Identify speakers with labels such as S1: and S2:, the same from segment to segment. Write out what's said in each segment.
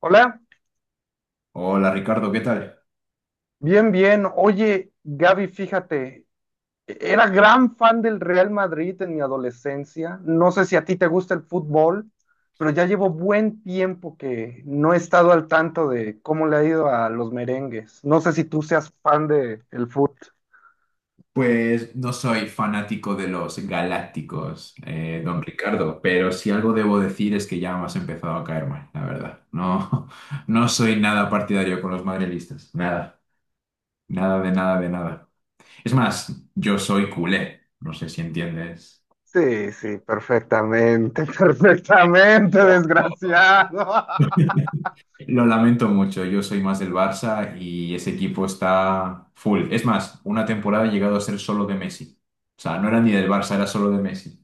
S1: Hola,
S2: Hola Ricardo, ¿qué tal?
S1: bien, bien. Oye, Gaby, fíjate, era gran fan del Real Madrid en mi adolescencia. No sé si a ti te gusta el fútbol, pero ya llevo buen tiempo que no he estado al tanto de cómo le ha ido a los merengues. No sé si tú seas fan de el fútbol.
S2: Pues no soy fanático de los galácticos, don Ricardo, pero si algo debo decir es que ya me has empezado a caer mal, la verdad. No, no soy nada partidario con los madrilistas, nada, nada de nada de nada. Es más, yo soy culé, no sé si entiendes.
S1: Sí, sí, perfectamente, perfectamente, desgraciado.
S2: Lo lamento mucho, yo soy más del Barça y ese equipo está full. Es más, una temporada he llegado a ser solo de Messi. O sea, no era ni del Barça, era solo de Messi.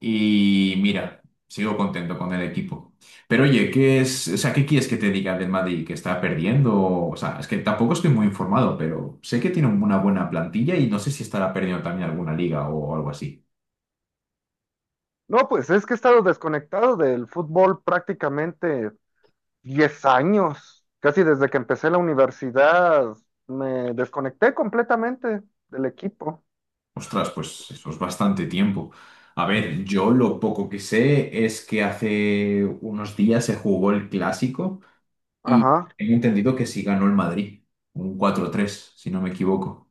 S2: Y mira, sigo contento con el equipo. Pero oye, ¿qué es, o sea, qué quieres que te diga del Madrid que está perdiendo? O sea, es que tampoco estoy muy informado, pero sé que tiene una buena plantilla y no sé si estará perdiendo también alguna liga o algo así.
S1: No, pues es que he estado desconectado del fútbol prácticamente 10 años, casi desde que empecé la universidad, me desconecté completamente del equipo.
S2: Ostras, pues eso es bastante tiempo. A ver, yo lo poco que sé es que hace unos días se jugó el clásico y
S1: Ajá.
S2: he entendido que sí ganó el Madrid, un cuatro tres si no me equivoco.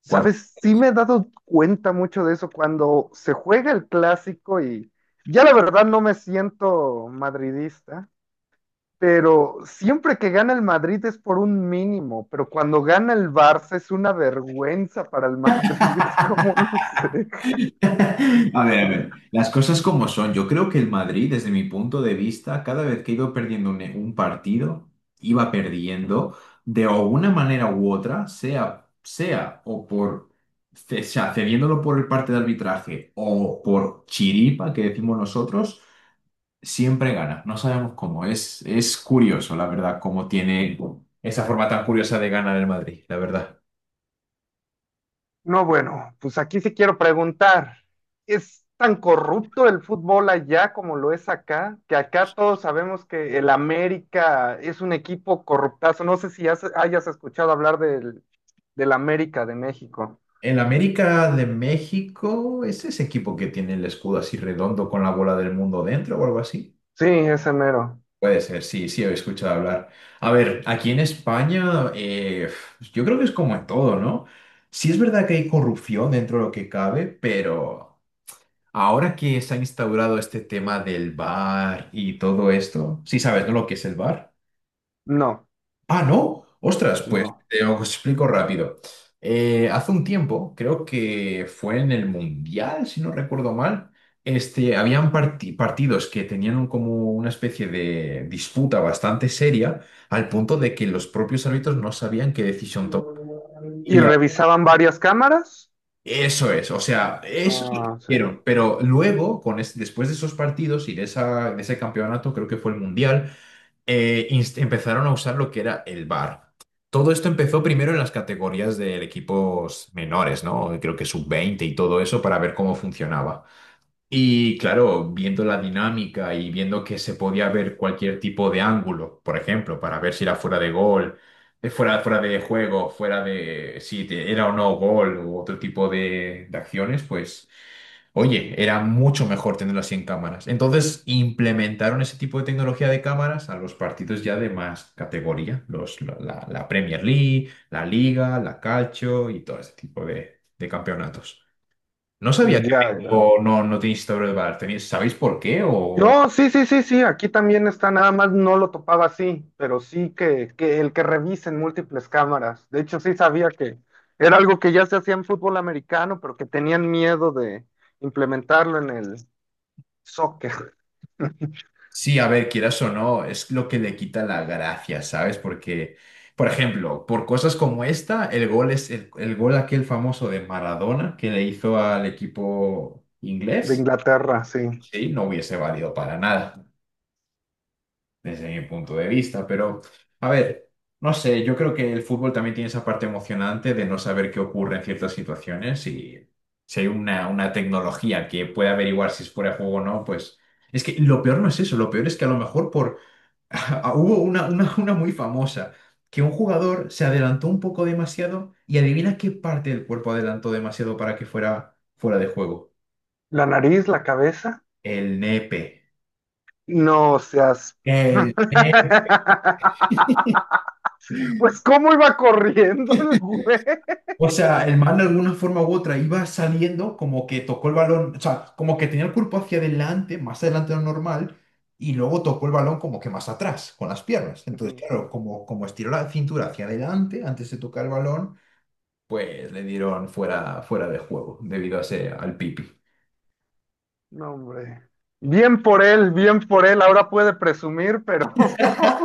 S1: ¿Sabes? Sí me he dado cuenta mucho de eso cuando se juega el clásico y ya la verdad no me siento madridista, pero siempre que gana el Madrid es por un mínimo, pero cuando gana el Barça es una vergüenza para el Madrid. ¿Cómo lo sé?
S2: A ver, las cosas como son. Yo creo que el Madrid, desde mi punto de vista, cada vez que iba perdiendo un partido, iba perdiendo de alguna manera u otra, sea o por, sea, cediéndolo por el parte de arbitraje o por chiripa, que decimos nosotros, siempre gana. No sabemos cómo. Es curioso, la verdad, cómo tiene esa forma tan curiosa de ganar el Madrid, la verdad.
S1: No, bueno, pues aquí sí quiero preguntar, ¿es tan corrupto el fútbol allá como lo es acá? Que acá todos sabemos que el América es un equipo corruptazo. No sé si hayas escuchado hablar del América de México.
S2: El América de México es ese equipo que tiene el escudo así redondo con la bola del mundo dentro o algo así.
S1: Sí, ese mero.
S2: Puede ser, sí, sí, he escuchado hablar. A ver, aquí en España, yo creo que es como en todo, ¿no? Sí es verdad que hay corrupción dentro de lo que cabe, pero ahora que se ha instaurado este tema del bar y todo esto, sí sabes, ¿no? ¿Lo que es el bar?
S1: No,
S2: Ah, ¿no? Ostras, pues
S1: no.
S2: te lo explico rápido. Hace un tiempo, creo que fue en el Mundial, si no recuerdo mal, este, habían partidos que tenían como una especie de disputa bastante seria, al punto de que los propios árbitros no sabían qué decisión tomar.
S1: ¿Y
S2: Y a-
S1: revisaban varias cámaras?
S2: eso es, o sea, eso es lo que
S1: Ah, sí.
S2: hicieron. Pero luego, después de esos partidos y de, esa, de ese campeonato, creo que fue el Mundial empezaron a usar lo que era el VAR. Todo esto empezó primero en las categorías de equipos menores, ¿no? Creo que sub veinte y todo eso para ver cómo funcionaba. Y claro, viendo la dinámica y viendo que se podía ver cualquier tipo de ángulo, por ejemplo, para ver si era fuera de gol, fuera de juego, fuera de si te- era o no gol u otro tipo de acciones, pues oye, era mucho mejor tenerlo así en cámaras. Entonces implementaron ese tipo de tecnología de cámaras a los partidos ya de más categoría, la Premier League, la Liga, la Calcio y todo ese tipo de campeonatos. No sabía que
S1: Ya, ya.
S2: México no tiene historia de VAR. ¿Sabéis por qué? O
S1: No, sí, sí, sí, sí, aquí también está, nada más no lo topaba así, pero sí que el que revisen múltiples cámaras. De hecho, sí sabía que era algo que ya se hacía en fútbol americano, pero que tenían miedo de implementarlo en el soccer
S2: sí, a ver, quieras o no, es lo que le quita la gracia, ¿sabes? Porque, por ejemplo, por cosas como esta, el gol es el gol aquel famoso de Maradona que le hizo al equipo
S1: de
S2: inglés.
S1: Inglaterra, sí.
S2: Sí, no hubiese valido para nada, desde mi punto de vista, pero a ver, no sé, yo creo que el fútbol también tiene esa parte emocionante de no saber qué ocurre en ciertas situaciones y si hay una tecnología que puede averiguar si es fuera de juego o no, pues es que lo peor no es eso, lo peor es que a lo mejor por... Hubo una muy famosa, que un jugador se adelantó un poco demasiado y adivina qué parte del cuerpo adelantó demasiado para que fuera fuera de juego.
S1: La nariz, la cabeza,
S2: El nepe.
S1: no seas...
S2: El...
S1: Pues cómo iba corriendo el güey.
S2: O sea, el man de alguna forma u otra iba saliendo como que tocó el balón, o sea, como que tenía el cuerpo hacia adelante, más adelante de lo normal, y luego tocó el balón como que más atrás, con las piernas. Entonces,
S1: Ujú.
S2: claro, como estiró la cintura hacia adelante antes de tocar el balón, pues le dieron fuera, fuera de juego debido a ese, al pipi.
S1: No, hombre. Bien por él, ahora puede presumir, pero...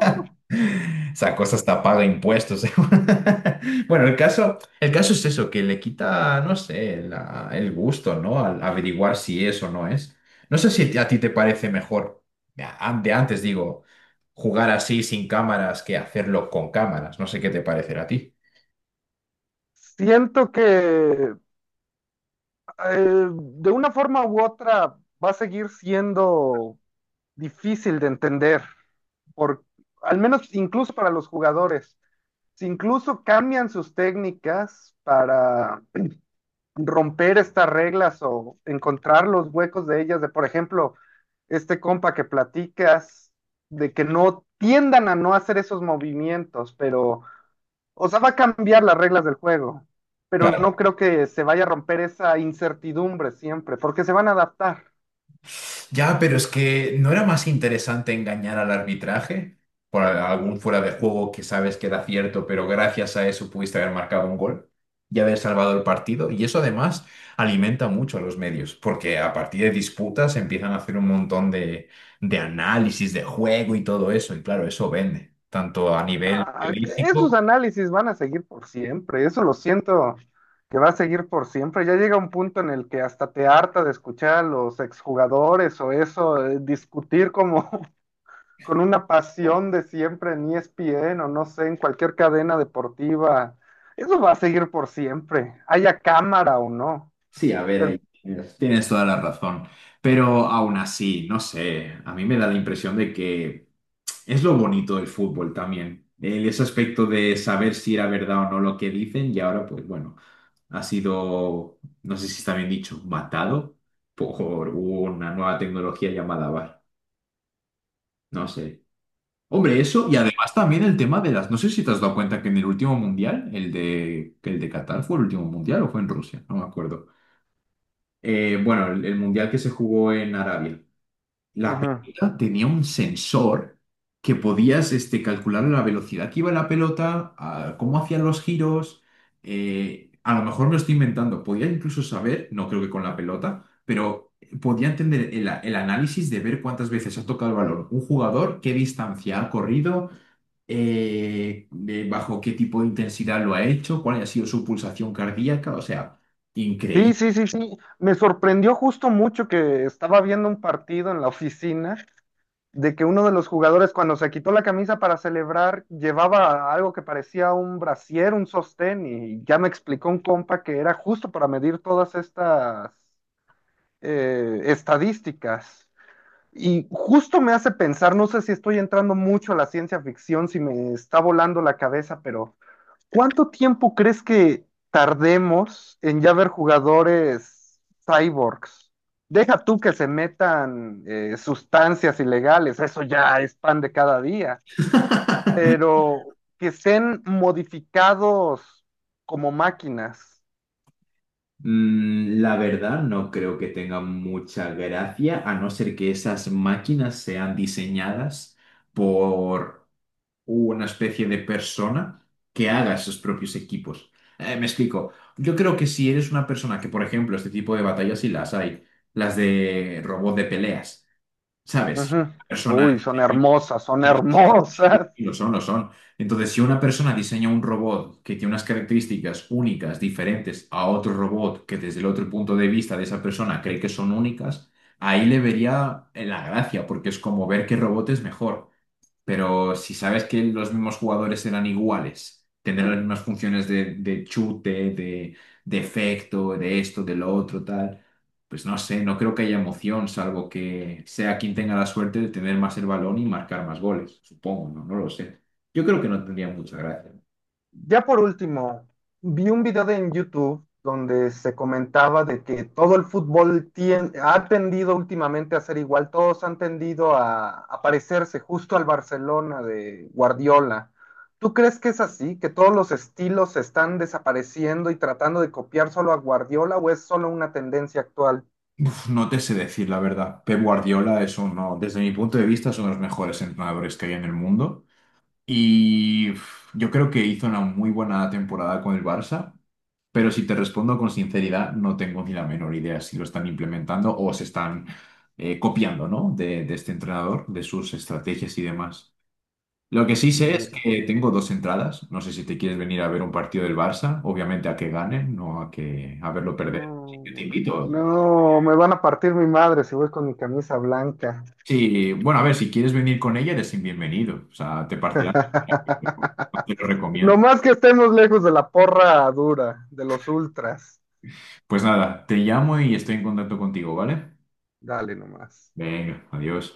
S2: Esa cosa hasta paga impuestos. Bueno, el caso es eso, que le quita, no sé, el gusto, ¿no? Al averiguar si es o no es. No sé si a ti te parece mejor, de antes digo, jugar así sin cámaras que hacerlo con cámaras. No sé qué te parecerá a ti.
S1: Siento que eh, de una forma u otra va a seguir siendo difícil de entender, por, al menos incluso para los jugadores. Si incluso cambian sus técnicas para romper estas reglas o encontrar los huecos de ellas, de por ejemplo, este compa que platicas, de que no tiendan a no hacer esos movimientos, pero o sea, va a cambiar las reglas del juego, pero no creo que se vaya a romper esa incertidumbre siempre, porque se van a adaptar.
S2: Ya, pero es que ¿no era más interesante engañar al arbitraje por algún fuera de juego que sabes que era cierto, pero gracias a eso pudiste haber marcado un gol y haber salvado el partido? Y eso además alimenta mucho a los medios, porque a partir de disputas empiezan a hacer un montón de análisis de juego y todo eso, y claro, eso vende, tanto a nivel
S1: Ah, que esos
S2: periodístico.
S1: análisis van a seguir por siempre, eso lo siento que va a seguir por siempre. Ya llega un punto en el que hasta te harta de escuchar a los exjugadores o eso, discutir como con una pasión de siempre en ESPN o no sé, en cualquier cadena deportiva. Eso va a seguir por siempre, haya cámara o no.
S2: Sí, a ver,
S1: Pero,
S2: ahí tienes toda la razón. Pero aún así, no sé, a mí me da la impresión de que es lo bonito del fútbol también, el, ese aspecto de saber si era verdad o no lo que dicen y ahora pues bueno, ha sido, no sé si está bien dicho, matado por una nueva tecnología llamada VAR, no sé. Hombre, eso y
S1: pero-
S2: además también el tema de las, no sé si te has dado cuenta que en el último mundial, el de Qatar fue el último mundial o fue en Rusia, no me acuerdo. Bueno, el mundial que se jugó en Arabia. La
S1: ujú.
S2: pelota tenía un sensor que podías este, calcular la velocidad que iba la pelota, a cómo hacían los giros. A lo mejor me lo estoy inventando. Podía incluso saber, no creo que con la pelota, pero podía entender el análisis de ver cuántas veces ha tocado el balón un jugador, qué distancia ha corrido, de bajo qué tipo de intensidad lo ha hecho, cuál ha sido su pulsación cardíaca. O sea,
S1: Sí,
S2: increíble.
S1: sí, sí, sí. Me sorprendió justo mucho que estaba viendo un partido en la oficina de que uno de los jugadores cuando se quitó la camisa para celebrar llevaba algo que parecía un brasier, un sostén y ya me explicó un compa que era justo para medir todas estas estadísticas. Y justo me hace pensar, no sé si estoy entrando mucho a la ciencia ficción, si me está volando la cabeza, pero... ¿Cuánto tiempo crees que tardemos en ya ver jugadores cyborgs? Deja tú que se metan sustancias ilegales, eso ya es pan de cada día, pero que estén modificados como máquinas.
S2: La verdad, no creo que tenga mucha gracia, a no ser que esas máquinas sean diseñadas por una especie de persona que haga sus propios equipos. Me explico. Yo creo que si eres una persona que, por ejemplo, este tipo de batallas sí las hay, las de robot de peleas, ¿sabes?
S1: Ujú.
S2: Persona...
S1: Uy, son hermosas, son
S2: Sí,
S1: hermosas.
S2: sí, lo son, lo son. Entonces, si una persona diseña un robot que tiene unas características únicas, diferentes a otro robot que desde el otro punto de vista de esa persona cree que son únicas, ahí le vería la gracia, porque es como ver qué robot es mejor. Pero si sabes que los mismos jugadores eran iguales, tendrán las mismas funciones de chute, de efecto, de esto, de lo otro, tal, pues no sé, no creo que haya emoción, salvo que sea quien tenga la suerte de tener más el balón y marcar más goles, supongo, no, no lo sé. Yo creo que no tendría mucha gracia.
S1: Ya por último, vi un video en YouTube donde se comentaba de que todo el fútbol ha tendido últimamente a ser igual, todos han tendido a parecerse justo al Barcelona de Guardiola. ¿Tú crees que es así? ¿Que todos los estilos se están desapareciendo y tratando de copiar solo a Guardiola o es solo una tendencia actual?
S2: Uf, no te sé decir la verdad. Pep Guardiola es uno, desde mi punto de vista, es uno de los mejores entrenadores que hay en el mundo. Y uf, yo creo que hizo una muy buena temporada con el Barça, pero si te respondo con sinceridad, no tengo ni la menor idea si lo están implementando o se están copiando, ¿no? De este entrenador, de sus estrategias y demás. Lo que sí sé es
S1: Ya.
S2: que tengo dos entradas. No sé si te quieres venir a ver un partido del Barça, obviamente a que gane, no a que a verlo perder.
S1: No,
S2: Así que te
S1: güey.
S2: invito.
S1: No, me van a partir mi madre si voy con mi camisa blanca.
S2: Sí, bueno, a ver, si quieres venir con ella, eres bienvenido. O sea, te partirán, te lo recomiendo.
S1: Nomás que estemos lejos de la porra dura, de los ultras.
S2: Pues nada, te llamo y estoy en contacto contigo, ¿vale?
S1: Dale nomás.
S2: Venga, adiós.